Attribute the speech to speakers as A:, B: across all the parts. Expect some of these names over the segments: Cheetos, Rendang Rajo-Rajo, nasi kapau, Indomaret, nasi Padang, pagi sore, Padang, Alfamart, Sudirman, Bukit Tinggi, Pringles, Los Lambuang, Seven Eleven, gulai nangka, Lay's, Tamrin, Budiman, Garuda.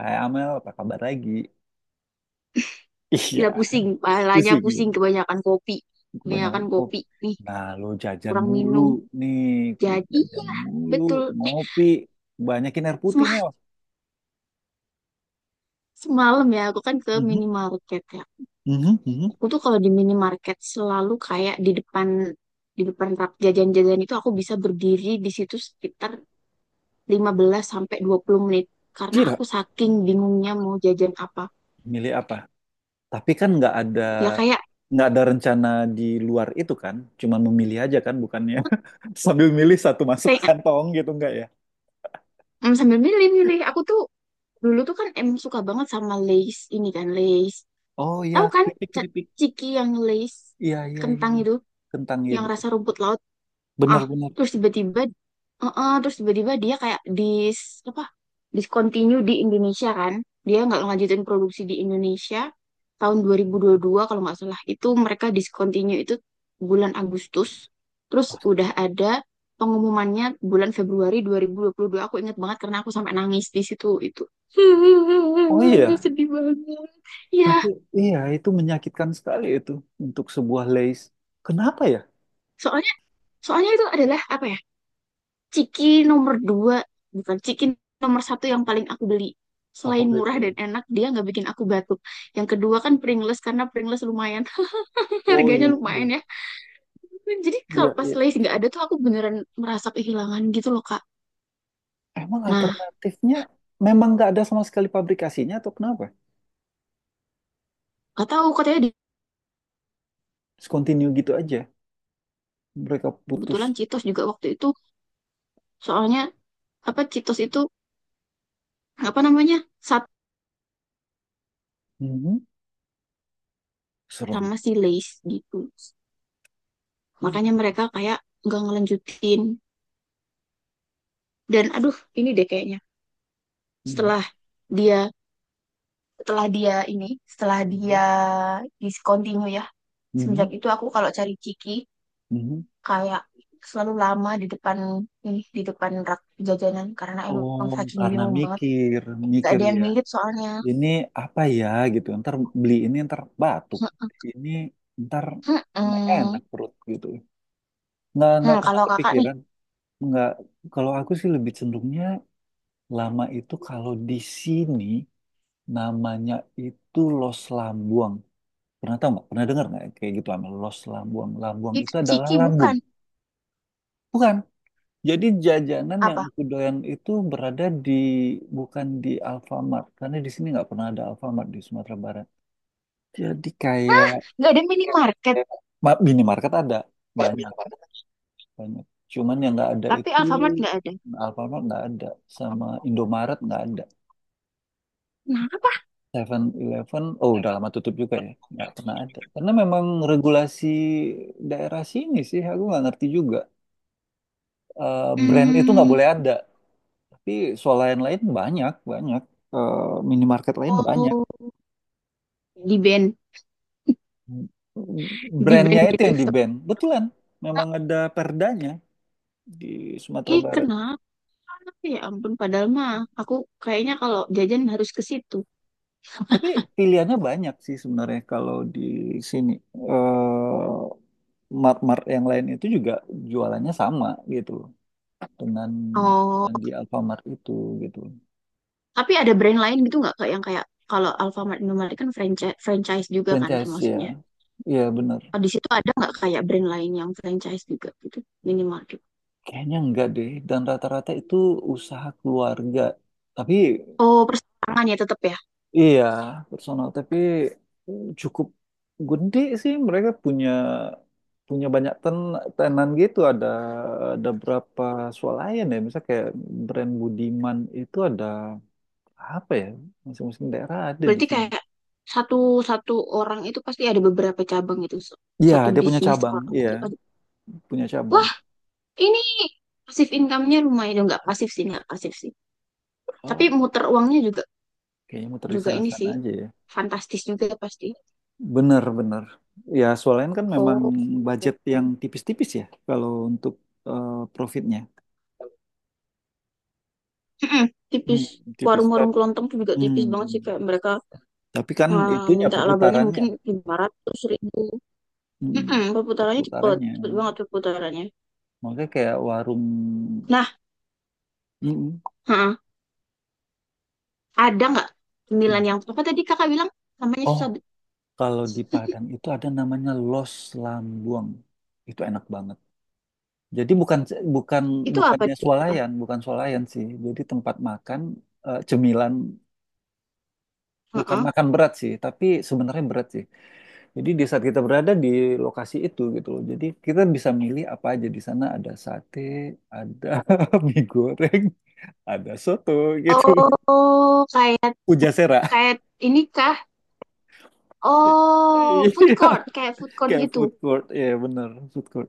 A: Hai Amel, apa kabar lagi? Iya,
B: Gila pusing, palanya
A: pusing
B: pusing
A: ini.
B: kebanyakan kopi.
A: Kebanyakan
B: Kebanyakan
A: kopi.
B: kopi nih,
A: Nah, lo jajan
B: kurang
A: mulu
B: minum.
A: nih, ku
B: Jadi
A: jajan
B: ya,
A: mulu,
B: betul. Eh,
A: ngopi, banyakin air putih Mel.
B: sema- semalam ya, aku kan ke
A: Mhm,
B: minimarket ya.
A: mhm, mhm.
B: Aku tuh kalau di minimarket selalu kayak di depan rak jajan-jajan itu, aku bisa berdiri di situ sekitar 15 sampai 20 menit karena
A: Kira,
B: aku saking bingungnya mau jajan apa.
A: Milih apa? Tapi kan nggak ada
B: Ya kayak
A: nggak ada rencana di luar itu kan, cuman memilih aja kan, bukannya sambil milih satu masuk
B: kayak
A: kantong gitu nggak ya?
B: mm, sambil milih-milih aku tuh dulu tuh kan suka banget sama Lay's, ini kan Lay's.
A: Oh iya,
B: Tahu kan,
A: keripik
B: ca-
A: keripik,
B: ciki yang lace
A: iya iya
B: kentang
A: iya,
B: itu,
A: kentang iya
B: yang
A: betul,
B: rasa rumput laut?
A: benar
B: Ah,
A: benar.
B: terus tiba-tiba heeh, terus tiba-tiba dia kayak apa? Discontinue di Indonesia kan. Dia nggak lanjutin produksi di Indonesia tahun dua dua ribu dua puluh dua kalau nggak salah. Itu mereka discontinue itu bulan Agustus. Terus udah ada pengumumannya bulan Februari dua dua ribu dua puluh dua. Aku ingat banget karena aku sampai nangis di situ itu.
A: Oh iya.
B: Sedih banget.
A: Tapi
B: Ya,
A: iya itu menyakitkan sekali itu untuk sebuah lace. Kenapa ya
B: soalnya soalnya itu adalah apa ya? Ciki nomor dua, bukan ciki nomor satu yang paling aku beli. Selain
A: favorit
B: murah
A: ya?
B: dan enak, dia nggak bikin aku batuk. Yang kedua kan Pringles, karena Pringles lumayan,
A: Oh
B: harganya
A: iya.
B: lumayan ya. Jadi
A: Iya,
B: kalau pas
A: iya.
B: Lay's nggak ada tuh aku beneran merasa kehilangan gitu loh, Kak.
A: Emang
B: Nah,
A: alternatifnya memang nggak ada sama sekali pabrikasinya atau kenapa?
B: nggak tahu katanya
A: Terus continue gitu aja. Mereka
B: kebetulan
A: putus.
B: Cheetos juga waktu itu. Soalnya apa Cheetos itu, apa namanya, satu
A: Mhm. Serem.
B: sama si Lay's gitu. Makanya
A: Mhm.
B: mereka kayak nggak ngelanjutin. Dan aduh, ini deh kayaknya setelah dia, setelah dia ini setelah
A: Mhm.
B: dia discontinue ya, semenjak
A: Mhm.
B: itu aku kalau cari Ciki
A: Mhm.
B: kayak selalu lama di depan, di depan rak jajanan karena
A: Oh,
B: emang saking
A: karena
B: bingung banget,
A: mikir,
B: gak
A: mikir
B: ada yang
A: ya.
B: mirip soalnya.
A: Ini apa ya gitu. Ntar beli ini ntar batuk.
B: Heeh.
A: Ini ntar
B: Heeh.
A: nggak enak perut gitu. Nggak pernah
B: Kalau kakak nih
A: kepikiran. Nggak, kalau aku sih lebih cenderungnya lama itu kalau di sini namanya itu Los Lambuang. Pernah tahu nggak? Pernah dengar nggak kayak gitu lama Los Lambuang? Lambuang
B: itu
A: itu adalah
B: Ciki
A: lambung.
B: bukan?
A: Bukan. Jadi jajanan yang
B: Apa?
A: aku doyan itu berada di bukan di Alfamart karena di sini nggak pernah ada Alfamart di Sumatera Barat. Jadi kayak
B: Nggak ada minimarket
A: minimarket ada banyak banyak. Cuman yang nggak ada
B: tapi
A: itu
B: Alfamart nggak ada?
A: Alfamart nggak ada sama Indomaret nggak ada.
B: Kenapa?
A: Seven Eleven, oh udah lama tutup juga ya, nggak pernah ada. Karena memang regulasi daerah sini sih, aku nggak ngerti juga. Brand itu nggak boleh
B: hmm,
A: ada, tapi soal lain-lain banyak, banyak. Eh, Minimarket lain banyak.
B: oh, di band di
A: Brandnya
B: band
A: itu
B: gitu?
A: yang di ban, betulan. Memang ada perdanya di Sumatera
B: Ih,
A: Barat.
B: kenapa? Ya ampun, padahal mah aku kayaknya kalau jajan harus ke situ.
A: Tapi pilihannya banyak sih sebenarnya kalau di sini. Eh mart-mart yang lain itu juga jualannya sama gitu, dengan
B: Oh,
A: yang di Alfamart itu gitu.
B: tapi ada brand lain gitu nggak kak yang kayak, kalau Alfamart Indomaret kan franchise, franchise juga kan
A: Franchise ya,
B: termasuknya.
A: iya bener.
B: Oh, di situ ada nggak kayak brand lain yang franchise juga gitu, minimarket?
A: Kayaknya enggak deh, dan rata-rata itu usaha keluarga. Tapi
B: Oh, persamaan ya tetap ya.
A: iya, personal, tapi cukup gede sih mereka punya punya banyak tenan gitu ada berapa swalayan ya misalnya kayak brand Budiman itu ada apa ya masing-masing daerah ada di
B: Berarti
A: sini.
B: kayak satu satu orang itu pasti ada beberapa cabang itu,
A: Iya,
B: satu
A: dia punya
B: bisnis
A: cabang.
B: orang
A: Iya,
B: itu.
A: punya cabang.
B: Wah, ini pasif income-nya lumayan dong, nggak pasif sih, nggak pasif sih. Tapi
A: Oh,
B: muter uangnya juga
A: kayaknya muter di
B: juga ini
A: sana-sana
B: sih,
A: aja ya.
B: fantastis juga pasti.
A: Benar-benar. Ya, soalnya kan memang
B: Oh,
A: budget yang tipis-tipis ya kalau untuk profitnya.
B: mm-mm, tipis.
A: Hmm, tipis.
B: Warung-warung
A: Tapi,
B: kelontong tuh juga tipis banget sih. Kayak mereka
A: tapi kan itunya
B: minta labanya
A: perputarannya.
B: mungkin 500.000.
A: Hmm,
B: Mm-mm, perputarannya cepet.
A: perputarannya.
B: Cepet banget perputarannya.
A: Makanya kayak warung.
B: Nah,
A: Mm,
B: ha-ha, ada nggak
A: mm.
B: cemilan yang... Apa tadi kakak bilang? Namanya
A: Oh,
B: susah.
A: kalau di Padang itu ada namanya Los Lambuang. Itu enak banget. Jadi bukan bukan
B: Itu apa?
A: bukannya
B: Dek? Apa?
A: swalayan, bukan swalayan sih. Jadi tempat makan cemilan bukan
B: Heeh.
A: makan berat sih, tapi sebenarnya berat sih. Jadi di saat kita berada di lokasi itu gitu loh. Jadi kita bisa milih apa aja di sana ada sate, ada mie goreng, ada soto gitu.
B: Oh, kayak
A: Pujasera.
B: kayak ini kah? Oh, food
A: Iya,
B: court, kayak food court
A: kayak
B: gitu.
A: food court, ya, bener, food court.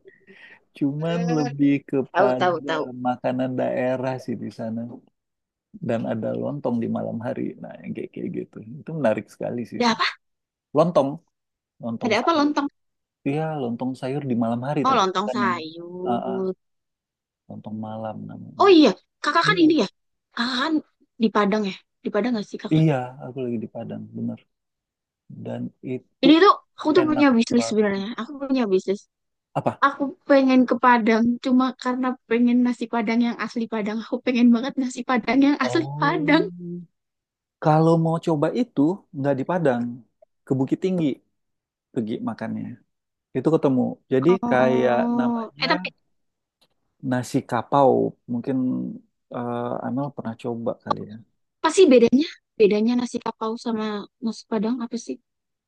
A: Cuman
B: Hmm,
A: lebih
B: tahu tahu
A: kepada
B: tahu.
A: makanan daerah sih di sana. Dan ada lontong di malam hari. Nah, yang kayak kayak gitu. Itu menarik sekali sih.
B: Ada apa?
A: Lontong, lontong
B: Ada apa
A: sayur.
B: lontong?
A: Iya, lontong sayur di malam hari
B: Oh,
A: tapi
B: lontong
A: kan yang ah, ah,
B: sayur.
A: lontong malam
B: Oh
A: namanya.
B: iya, kakak kan
A: Iya.
B: ini ya. Kakak kan di Padang ya. Di Padang gak sih kakak?
A: Iya, aku lagi di Padang, bener. Dan itu
B: Ini tuh aku tuh
A: enak
B: punya bisnis
A: banget.
B: sebenarnya. Aku punya bisnis.
A: Apa?
B: Aku pengen ke Padang cuma karena pengen nasi Padang yang asli Padang. Aku pengen banget nasi Padang yang asli
A: Oh.
B: Padang.
A: Kalau mau coba itu nggak di Padang, ke Bukit Tinggi pergi makannya. Itu ketemu. Jadi kayak
B: Oh,
A: namanya
B: eh, tapi
A: nasi kapau. Mungkin Amel pernah coba kali ya.
B: apa sih bedanya? Bedanya nasi kapau sama nasi Padang apa sih?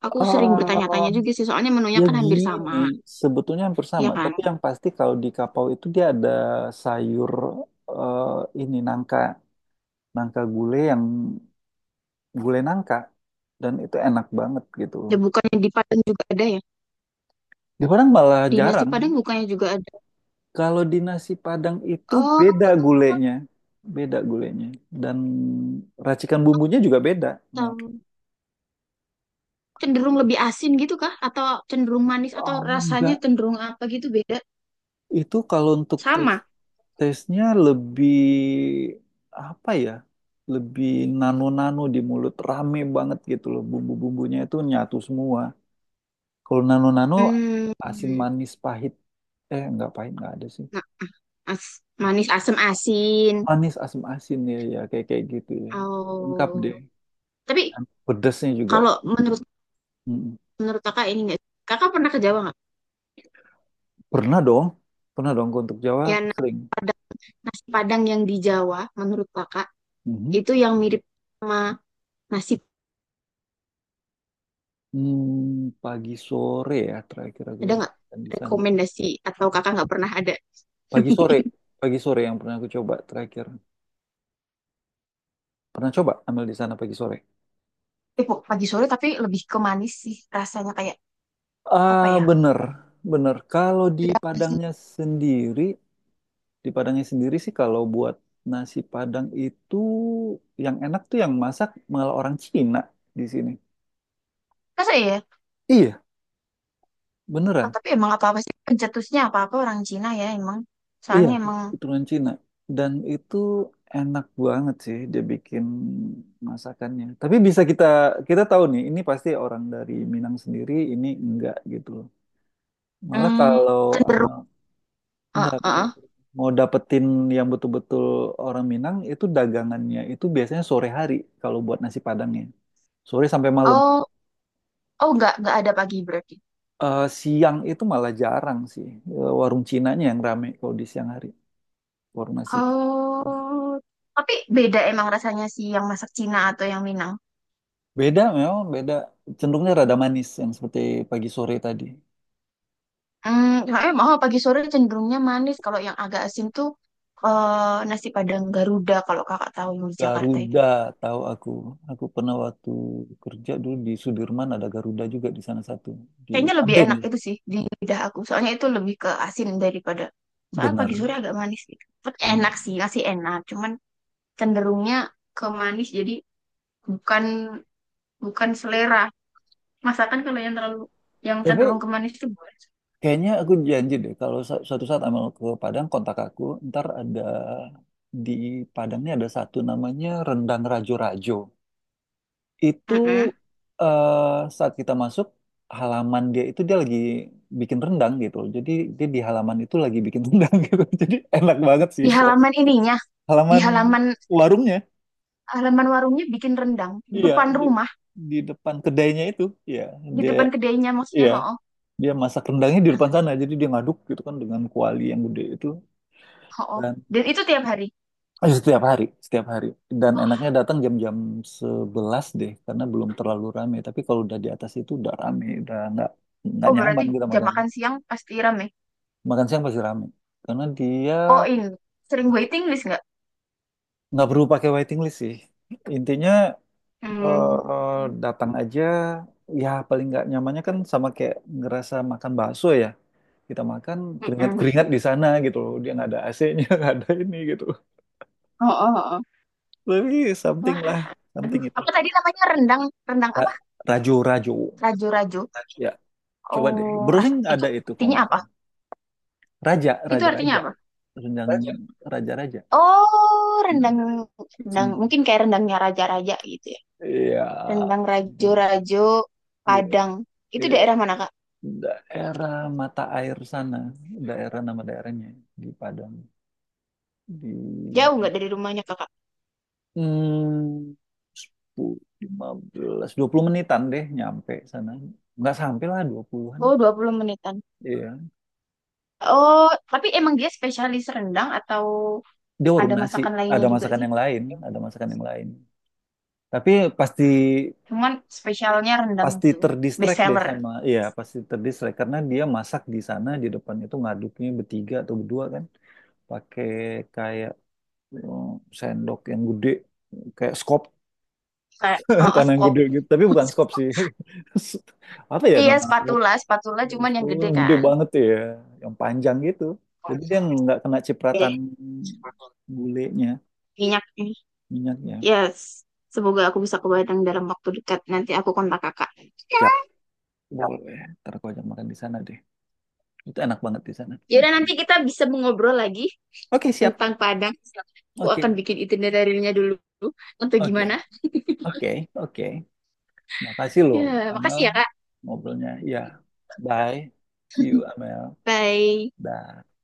B: Aku sering bertanya-tanya
A: Ah.
B: juga sih, soalnya menunya
A: Ya
B: kan hampir sama,
A: gini, sebetulnya hampir
B: ya
A: sama.
B: kan?
A: Tapi yang pasti kalau di kapau itu dia ada sayur eh, ini nangka, nangka gulai yang gulai nangka, dan itu enak banget gitu.
B: Ya bukannya di Padang juga ada ya?
A: Di Padang malah
B: Di nasi
A: jarang.
B: Padang bukannya juga ada?
A: Kalau di nasi Padang itu
B: Oh,
A: beda gulainya, dan racikan bumbunya juga beda. Nah,
B: tahu. Cenderung lebih asin gitu kah? Atau cenderung manis atau
A: oh
B: rasanya
A: enggak,
B: cenderung apa gitu, beda?
A: itu kalau untuk tes.
B: Sama.
A: Tesnya lebih apa ya? Lebih nano-nano di mulut, rame banget gitu loh. Bumbu-bumbunya itu nyatu semua. Kalau nano-nano
B: Hmm,
A: asin manis pahit. Nggak pahit nggak ada sih.
B: nah, manis, asam, asin.
A: Manis asin-asin ya, ya kayak kayak gitu ya. Lengkap
B: Oh,
A: deh.
B: tapi
A: Dan pedesnya juga.
B: kalau menurut
A: Mm.
B: menurut kakak ini nggak, kakak pernah ke Jawa nggak?
A: Pernah dong, pernah dong ke untuk Jawa
B: Ya
A: aku sering.
B: padang, nasi padang yang di Jawa, menurut kakak
A: Mhm.
B: itu yang mirip sama nasi,
A: Pagi sore ya terakhir aku
B: ada nggak?
A: makan di sana.
B: Rekomendasi, atau kakak nggak pernah ada
A: Pagi sore,
B: nemuin?
A: pagi sore yang pernah aku coba terakhir. Pernah coba ambil di sana pagi sore?
B: Eh, pagi sore tapi lebih ke manis sih rasanya, kayak apa
A: Ah,
B: ya?
A: bener, bener. Kalau
B: Ada apa sih?
A: Sendiri, di Padangnya sendiri sih kalau buat nasi Padang itu yang enak tuh yang masak malah orang Cina di sini.
B: Masa ya?
A: Iya,
B: Oh,
A: beneran.
B: tapi emang apa-apa sih pencetusnya, apa-apa orang Cina ya emang.
A: Iya,
B: Soalnya emang
A: keturunan Cina. Dan itu enak banget sih dia bikin masakannya. Tapi bisa kita kita tahu nih, ini pasti orang dari Minang sendiri, ini enggak gitu loh. Malah
B: hmm,
A: kalau
B: cenderung.
A: sama, enggak,
B: Ah, ah,
A: bukan.
B: ah.
A: Mau dapetin yang betul-betul orang Minang itu dagangannya itu biasanya sore hari kalau buat nasi Padangnya. Sore sampai malam.
B: Oh, oh, nggak ada pagi berarti.
A: Siang itu malah jarang sih. Warung Cinanya yang rame kalau di siang hari. Warung nasi.
B: Oh, tapi beda emang rasanya sih yang masak Cina atau yang Minang.
A: Beda memang beda. Cenderungnya rada manis yang seperti pagi sore tadi.
B: Hmm, soalnya emang, oh, pagi sore cenderungnya manis. Kalau yang agak asin tuh nasi Padang Garuda, kalau kakak tahu yang di Jakarta itu.
A: Garuda tahu aku. Aku pernah waktu kerja dulu di Sudirman ada Garuda juga di sana satu. Di
B: Kayaknya lebih
A: Tamrin,
B: enak
A: ya?
B: itu sih di lidah aku. Soalnya itu lebih ke asin daripada. Soalnya
A: Benar,
B: pagi sore agak manis gitu. Tapi
A: benar.
B: enak sih, nasi enak. Cuman cenderungnya ke manis, jadi bukan bukan selera masakan kalau yang terlalu, yang cenderung
A: Tapi
B: ke manis itu, boleh.
A: kayaknya aku janji deh kalau suatu saat Amel ke Padang kontak aku, ntar ada di Padangnya ada satu namanya Rendang Rajo-Rajo. Itu
B: Mm-mm.
A: saat kita masuk halaman dia itu dia lagi bikin rendang gitu. Jadi dia di halaman itu lagi bikin rendang gitu. Jadi enak banget sih
B: Di halaman ininya, di
A: halaman
B: halaman,
A: warungnya.
B: halaman warungnya bikin rendang di
A: Iya,
B: depan
A: di,
B: rumah.
A: di depan kedainya itu. Iya,
B: Di
A: dia
B: depan kedainya maksudnya,
A: iya,
B: ho,
A: dia masak rendangnya di depan sana. Jadi dia ngaduk gitu kan dengan kuali yang gede itu.
B: ho, dan itu tiap hari?
A: Oh, iya, setiap hari, setiap hari. Dan enaknya datang jam-jam 11 deh, karena belum terlalu rame. Tapi kalau udah di atas itu udah rame, udah nggak
B: Oh, berarti
A: nyaman kita
B: jam
A: makan.
B: makan siang pasti rame?
A: Makan siang pasti rame, karena dia
B: Oh, ini sering waiting list nggak?
A: nggak perlu pakai waiting list sih. Intinya
B: Hmm.
A: datang aja. Ya paling nggak nyamannya kan sama kayak ngerasa makan bakso ya. Kita makan keringat-keringat
B: Mm-mm.
A: di sana gitu loh. Dia nggak ada AC-nya, nggak ada ini gitu.
B: Oh, oh, oh.
A: Tapi something
B: Wah,
A: lah, something
B: aduh,
A: itu.
B: apa tadi namanya, rendang, apa?
A: Ra- Rajo-rajo.
B: Rajo rajo?
A: Ya. Coba deh,
B: Oh,
A: browsing
B: itu
A: ada itu kok
B: artinya
A: nggak
B: apa?
A: salah. Raja,
B: Itu
A: raja,
B: artinya
A: raja,
B: apa?
A: rendang raja, raja.
B: Oh, rendang
A: Mm.
B: rendang
A: Mm.
B: mungkin kayak rendangnya raja-raja gitu ya.
A: Iya,
B: Rendang
A: gitu-gitu.
B: rajo-rajo
A: Gitu.
B: Padang. Itu
A: Iya,
B: daerah mana, Kak?
A: daerah mata air sana, daerah nama daerahnya di Padang di
B: Jauh nggak dari rumahnya, Kakak?
A: hmm, 15-20 menitan deh nyampe sana. Nggak sampai lah puluhan.
B: Oh, 20 menitan.
A: An Iya.
B: Oh, tapi emang dia spesialis rendang atau
A: Dia
B: ada
A: warung nasi,
B: masakan lainnya
A: ada
B: juga
A: masakan
B: sih?
A: yang lain, ada masakan yang lain. Tapi pasti
B: Cuman spesialnya rendang
A: pasti
B: itu, best
A: terdistract deh
B: seller?
A: sama iya pasti terdistract karena dia masak di sana di depan itu ngaduknya bertiga atau berdua kan pakai kayak eh, sendok yang gede kayak skop
B: Kayak
A: tanah yang
B: skop.
A: gede gitu tapi bukan skop sih apa ya
B: Iya,
A: nama alat
B: spatula, spatula cuman yang
A: sepuluh
B: gede
A: yang gede
B: kan.
A: banget ya yang panjang gitu jadi dia nggak kena
B: Ya.
A: cipratan gulenya
B: Minyak.
A: minyaknya.
B: Yes, semoga aku bisa ke Padang dalam waktu dekat. Nanti aku kontak kakak.
A: Siap, boleh ntar aku ajak makan di sana deh, itu enak banget di sana.
B: Yaudah, nanti kita bisa mengobrol lagi
A: Oke siap,
B: tentang Padang. Aku akan
A: oke,
B: bikin itinerary-nya dulu. Untuk
A: oke,
B: gimana?
A: oke, oke. Makasih loh,
B: Ya,
A: Amel,
B: makasih ya, Kak.
A: ngobrolnya. Ya, bye. See you, Amel.
B: Bye.
A: Bye.